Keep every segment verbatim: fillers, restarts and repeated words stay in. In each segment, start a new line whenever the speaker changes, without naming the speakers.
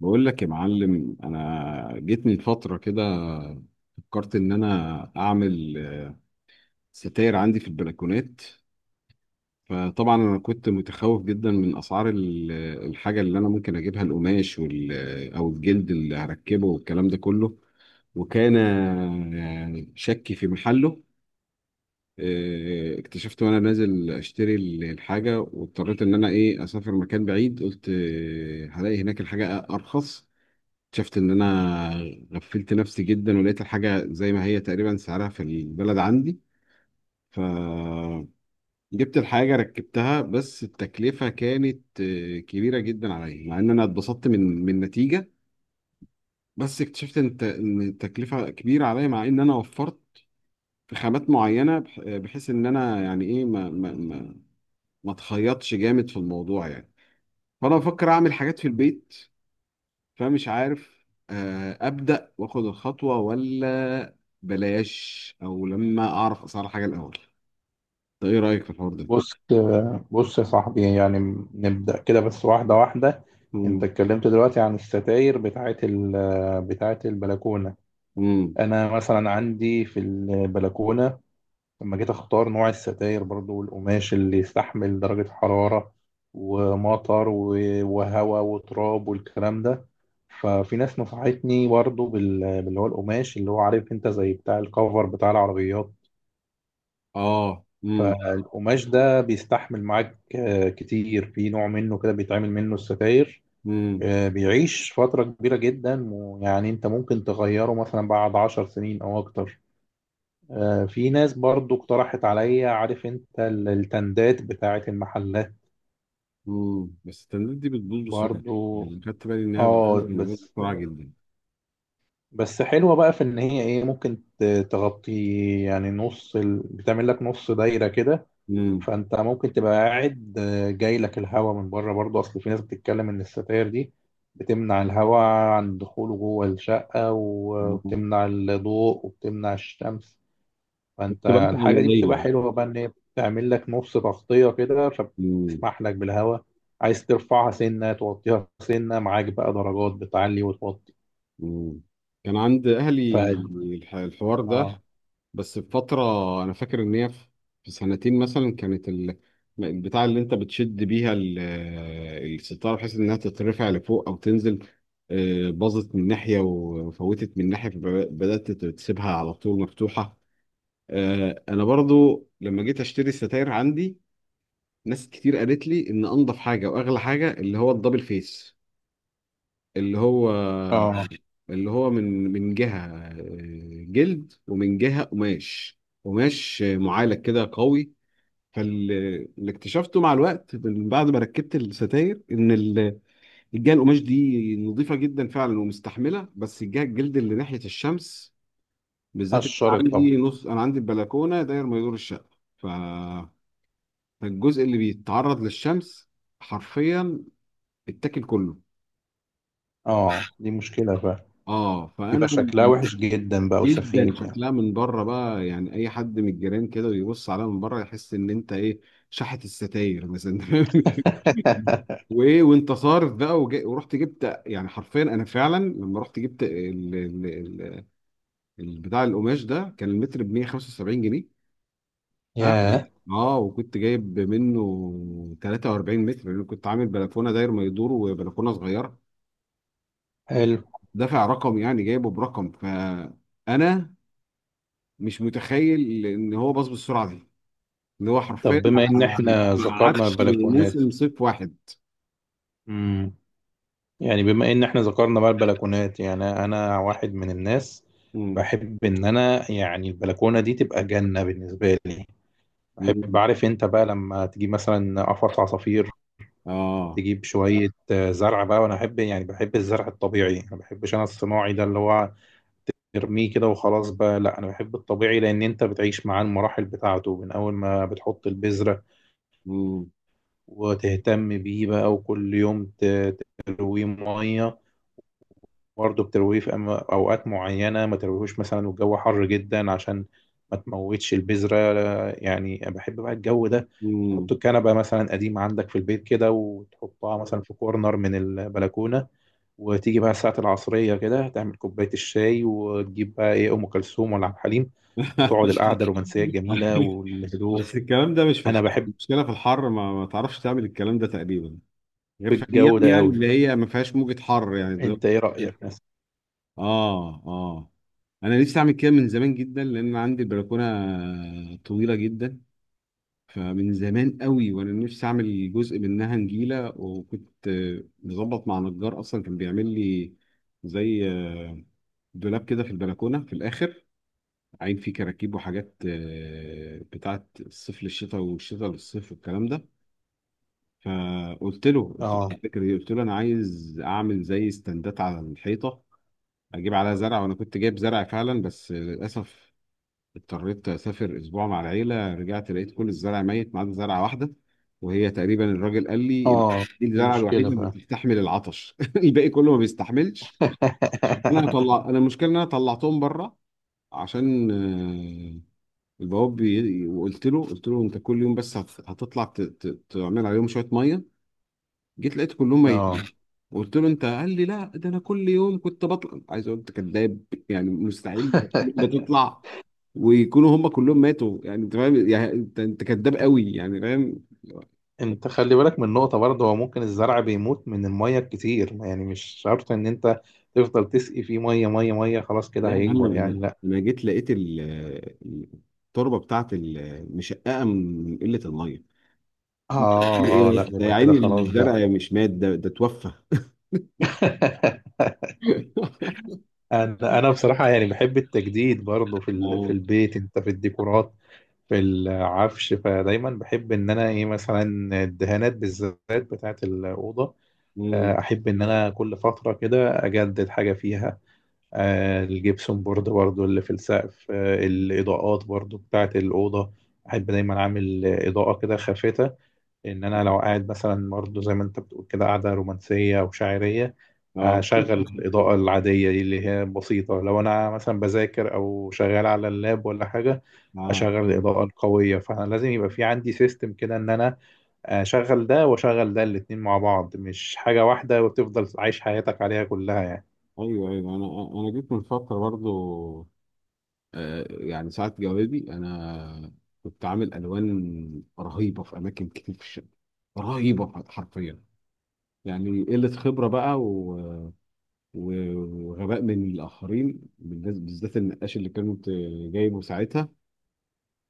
بقول لك يا معلم، انا جيت من فتره كده، فكرت ان انا اعمل ستاير عندي في البلكونات. فطبعا انا كنت متخوف جدا من اسعار ال- الحاجه اللي انا ممكن اجيبها، القماش وال او الجلد اللي هركبه والكلام ده كله. وكان يعني شكي في محله. آه، اكتشفت وانا نازل اشتري ال- الحاجه، واضطريت ان انا ايه اسافر مكان بعيد. قلت آه، هلاقي هناك الحاجه ارخص. شفت ان انا غفلت نفسي جدا، ولقيت الحاجه زي ما هي تقريبا سعرها في البلد عندي. فجبت الحاجه، ركبتها، بس التكلفه كانت آه، كبيره جدا عليا، مع ان انا اتبسطت من من النتيجه. بس اكتشفت ان الت- إن التكلفه كبيره عليا، مع ان انا وفرت في خامات معينه، بح- بحيث ان انا يعني ايه ما ما ما ما اتخيطش جامد في الموضوع يعني. فانا بفكر اعمل حاجات في البيت، فمش عارف آه، أبدأ وآخد الخطوة ولا بلاش، أو لما أعرف أسعار حاجة الأول. ده إيه رأيك في الحوار ده؟
بص بص يا صاحبي، يعني نبدأ كده بس واحدة واحدة. انت
مم.
اتكلمت دلوقتي عن الستاير بتاعت ال- بتاعت البلكونة.
مم.
انا مثلا عندي في البلكونة لما جيت اختار نوع الستاير برضو والقماش اللي يستحمل درجة حرارة ومطر و- وهواء وتراب والكلام ده. ففي ناس نصحتني برضو بال- باللي هو القماش، اللي هو عارف انت، زي بتاع الكفر بتاع العربيات.
آه، مم.
فالقماش ده بيستحمل معاك آه، كتير، في نوع منه كده بيتعمل منه الستاير.
مم.
آه، بيعيش فترة كبيرة جدا، ويعني انت ممكن تغيره مثلا بعد عشر سنين او اكتر. آه، في ناس برضو اقترحت عليا، عارف انت، ال- التندات بتاعت المحلات.
مم. بس التندات دي بتبوظ بسرعة.
برضو
يعني خدت بالي إنها
اه.
بتبوظ من غير
بس
بسرعة جدا.
بس حلوة بقى في ان هي ايه، ممكن ت- تغطي يعني نص ال... بتعمل لك نص دايرة كده.
مم.
فانت ممكن تبقى قاعد، آه، جاي لك الهواء من بره برضه، اصل في ناس بتتكلم ان الستاير دي بتمنع الهواء عن دخوله جوه الشقة و- وبتمنع الضوء وبتمنع الشمس. فانت
بتبقى مش
الحاجة دي بتبقى
عملية.
حلوة بقى، ان هي بتعمل لك نص تغطية كده
مم.
فبتسمح لك بالهواء. عايز ترفعها سنة، توطيها سنة، معاك بقى درجات بتعلي وتوطي.
مم. كان عند
ف
أهلي الح- الحوار ده،
اه
بس في فترة، أنا فاكر إن هي في في سنتين مثلا كانت ال- البتاع اللي أنت بتشد بيها ال- الستارة، بحيث إنها تترفع لفوق أو تنزل. آه، باظت من ناحية وفوتت من ناحية، فبدأت تسيبها على طول مفتوحة. آه، أنا برضو لما جيت أشتري ستاير عندي، ناس كتير قالت لي إن أنضف حاجة وأغلى حاجة اللي هو الدبل فيس، اللي هو
اه
اللي هو من من جهة آه، جلد ومن جهة قماش، قماش معالج كده قوي. فاللي اكتشفته مع الوقت من بعد ما ركبت الستاير ان ال- الجهة القماش دي نظيفة جدا فعلا ومستحملة، بس الجهة الجلد اللي ناحية الشمس بالذات، إن أنا
الشرط طبعا.
عندي نص انا عندي البلكونة داير ما يدور الشقة، ف- فالجزء اللي بيتعرض للشمس حرفيا اتاكل كله.
اه دي مشكلة بقى،
اه فانا
بيبقى شكلها وحش جدا بقى
جدا
وسخيف يعني.
شكلها من بره بقى، يعني اي حد من الجيران كده ويبص عليها من بره يحس ان انت ايه شحت الستاير مثلا وايه وانت صارف بقى، وجا- ورحت جبت، يعني حرفيا انا فعلا لما رحت جبت ال- ال- ال- ال- بتاع القماش ده كان المتر ب مية وخمسة وسبعين جنيه. ها.
ياه.
اه، وكنت جايب منه تلاتة واربعين متر لان كنت عامل بلكونه داير ما يدور وبلكونه صغيره.
حلو.
دافع رقم يعني، جايبه برقم، فانا مش متخيل ان هو باظ بالسرعه دي. اللي هو حرفيا
طب
ما
بما ان احنا
ما
ذكرنا
قعدش
البلكونات.
موسم صيف واحد.
امم يعني بما ان احنا ذكرنا بقى البلكونات، يعني انا واحد من الناس
مم.
بحب ان انا يعني البلكونه دي تبقى جنه بالنسبه لي. بحب،
مم.
عارف انت بقى، لما تجيب مثلا قفص عصافير،
اه.
تجيب شويه آه، زرع بقى. وانا احب يعني، بحب الزرع الطبيعي، ما بحبش انا الصناعي ده اللي هو ترميه كده وخلاص بقى. لا، انا بحب الطبيعي لان انت بتعيش معاه المراحل بتاعته من اول ما بتحط البذره
مم.
وتهتم بيه بقى، وكل يوم ت- ترويه ميه. برضه بترويه في أما- اوقات معينه ما ترويهوش مثلا والجو حر جدا عشان ما تموتش البذره. يعني أنا بحب بقى الجو ده. تحط
مم.
الكنبه مثلا قديمه عندك في البيت كده وتحطها مثلا في كورنر من البلكونه، وتيجي بقى الساعه العصريه كده تعمل كوبايه الشاي، وتجيب بقى ايه، ام كلثوم ولا عبد الحليم، وتقعد القعده الرومانسيه الجميله والهدوء.
بس الكلام ده مش في
انا
الحر،
بحب
المشكله في الحر ما, ما تعرفش تعمل الكلام ده تقريبا غير في
الجو
ايام
ده
يعني
قوي.
اللي هي ما فيهاش موجة حر يعني
انت ايه
دلوقتي.
رايك مثلا؟
اه اه، انا نفسي اعمل كده من زمان جدا لان عندي البلكونه طويله جدا. فمن زمان قوي وانا نفسي اعمل جزء منها نجيله، وكنت آه، مظبط مع نجار اصلا كان بيعمل لي زي آه، دولاب كده في البلكونه في الاخر، عين فيه كراكيب وحاجات آه، بتاعت الصيف للشتاء والشتاء للصيف والكلام ده. فقلت له، قلت له
اه
الفكره دي، قلت له انا عايز اعمل زي استندات على الحيطه، اجيب عليها زرع. وانا كنت جايب زرع فعلا، بس للاسف اضطريت اسافر اسبوع مع العيله، رجعت لقيت كل الزرع ميت ما عدا زرعه واحده، وهي تقريبا الراجل قال لي ال-
اه.
دي
دي
الزرعه
مشكلة
الوحيده اللي
فعلا.
بتستحمل العطش الباقي كله ما بيستحملش. انا طلع انا المشكله ان انا طلعتهم بره عشان آه، البواب بي... وقلت له، قلت له انت كل يوم بس هت- هتطلع ت... ت... تعمل عليهم شويه ميه. جيت لقيت كلهم ميتين.
اه،
قلت له انت، قال لي لا ده انا كل يوم كنت بطلع. عايز اقول انت كذاب، يعني مستحيل بتطلع ويكونوا هم كلهم ماتوا. يعني انت فاهم يعني، انت انت كداب قوي يعني فاهم.
انت خلي بالك من نقطة برضه، هو ممكن الزرع بيموت من المية الكتير، يعني مش شرط ان انت تفضل تسقي فيه مية مية مية، خلاص
لا
كده
يا معلم،
هيكبر،
انا
يعني لا.
انا جيت لقيت ال- ال- التربه بتاعت ال- مشققه من قله الميه.
اه اه، لا
ايه ده يا
يبقى كده
عيني،
خلاص بقى.
الزرع مش مات ده، ده توفى.
انا انا بصراحة يعني بحب التجديد برضه في ال... في
اه.
البيت، انت في الديكورات، في العفش. فدايما بحب ان انا ايه، مثلا الدهانات بالذات بتاعت الأوضة.
مم.
آه، احب ان انا كل فتره كده اجدد حاجه فيها. آه، الجبسون بورد برضو اللي في السقف، آه، الاضاءات برضو بتاعه الاوضه. احب دايما اعمل آه، اضاءه كده خافته ان انا لو قاعد مثلا، برضو زي ما انت بتقول كده قاعده رومانسيه او شاعريه،
اه
اشغل الاضاءه العاديه دي اللي هي بسيطه. لو انا مثلا بذاكر او شغال على اللاب ولا حاجه،
اه.
اشغل الاضاءه القويه. فانا لازم يبقى في عندي سيستم كده ان انا آه، شغل ده وشغل ده، الاتنين مع بعض مش حاجة واحدة وتفضل عايش حياتك عليها كلها يعني.
ايوه ايوه، انا انا جيت من فتره برضو آه يعني ساعه جوابي، انا كنت عامل الوان رهيبه في اماكن كتير في الشقه، رهيبه حرفيا يعني، قلة خبرة بقى و... و- وغباء من الآخرين بالناس- بالذات النقاش اللي كنت جايبه ساعتها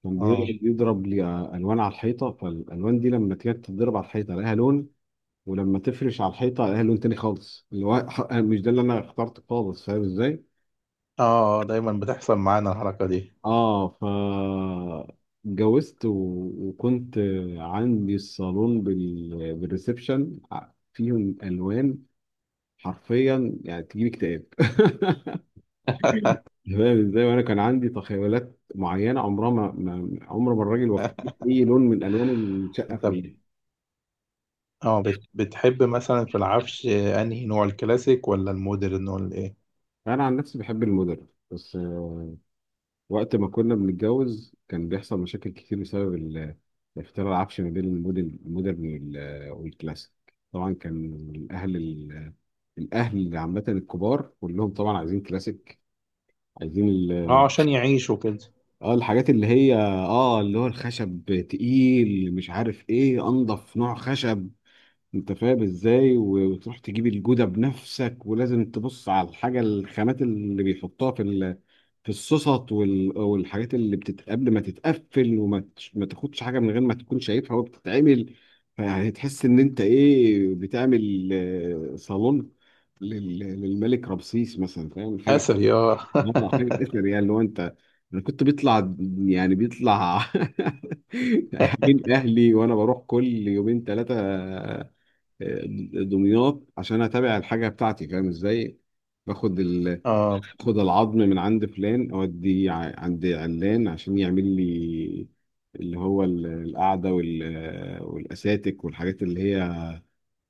كان
اه
بي- بيضرب لي ألوان على الحيطة. فالألوان دي لما كانت تضرب على الحيطة لها لون، ولما تفرش على الحيطة لها لون تاني خالص، اللي هو ح- مش ده اللي أنا اخترته خالص، فاهم إزاي؟
اه. دايما بتحصل معانا الحركة دي.
آه ف اتجوزت و... وكنت عندي الصالون بال... بالريسبشن، فيهم ألوان حرفيا يعني تجيب اكتئاب. تمام ازاي. وانا كان عندي تخيلات معينه عمرها ما ما- عمر ما الراجل وفقني في اي لون من الوان الشقه
انت ب-
كلها.
اه بت... بتحب مثلا في العفش، آه، انهي نوع، الكلاسيك ولا المودرن ولا ايه؟
انا عن نفسي بحب المودرن، بس آه، وقت ما كنا بنتجوز كان بيحصل مشاكل كتير بسبب ال- اختلاف العفش ما بين الموديل المودرن وال- والكلاسيك. طبعا كان الاهل ال- الاهل عامه، الكبار كلهم طبعا عايزين كلاسيك، عايزين
اه،
ال-
عشان يعيشوا كده.
اه الحاجات اللي هي اه اللي هو الخشب تقيل مش عارف ايه انضف نوع خشب، انت فاهم ازاي، و- وتروح تجيب الجودة بنفسك، ولازم تبص على الحاجة الخامات اللي بيحطوها في ال... في الصوصات وال... والحاجات اللي بتت... قبل ما تتقفل وما تش... ما تاخدش حاجة من غير ما تكون شايفها وهي بتتعمل. فيعني تحس ان انت ايه بتعمل آه، صالون لل... للملك رمسيس مثلا، فاهم حاجة،
اثري اه.
مرة حاجة اثر. يعني لو انت انا كنت بيطلع يعني بيطلع من اهلي وانا بروح كل يومين ثلاثة دمياط عشان اتابع الحاجه بتاعتي، فاهم ازاي. باخد ال...
اه.
باخد العظم من عند فلان اوديه ع- عند علان عشان يعمل لي اللي هو ال- القعده وال... والاساتك والحاجات اللي هي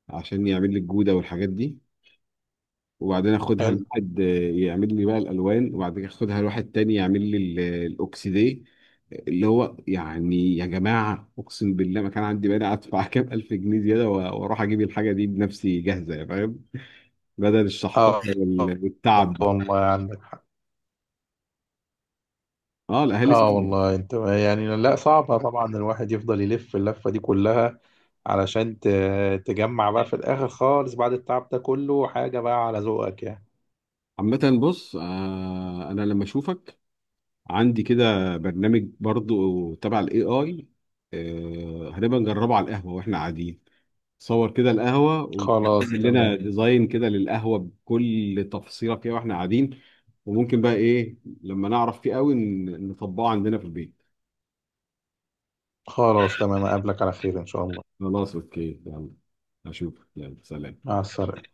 عشان يعمل لي الجوده والحاجات دي. وبعدين اخدها
حلو.
لواحد يعمل لي بقى الالوان، وبعدين اخدها لواحد تاني يعمل لي ال- الاوكسيديه. اللي هو يعني يا جماعه، اقسم بالله ما كان عندي مانع ادفع كام الف جنيه زياده و- واروح اجيب الحاجه دي بنفسي جاهزه، فاهم، بدل الشحطات
اه.
وال- والتعب
آه،
ده.
والله عندك.
اه، الاهالي
اه
صعبه.
والله انت يعني، لا صعبة طبعا، الواحد يفضل يلف اللفة دي كلها علشان ت- تجمع بقى في الاخر خالص بعد التعب ده كله حاجة بقى على ذوقك يعني.
عامة بص، آه انا لما اشوفك عندي كده برنامج برضو تبع الاي اي، آه هنبقى نجربه على القهوة واحنا قاعدين، صور كده القهوة
خلاص
وتعمل لنا
تمام.
ديزاين كده للقهوة بكل تفصيلة فيها واحنا قاعدين. وممكن بقى ايه لما نعرف فيه قوي ن- نطبقه عندنا في البيت.
خلاص تمام، اقابلك على خير ان شاء الله.
خلاص اوكي يلا، اشوفك يلا سلام.
مع السلامة.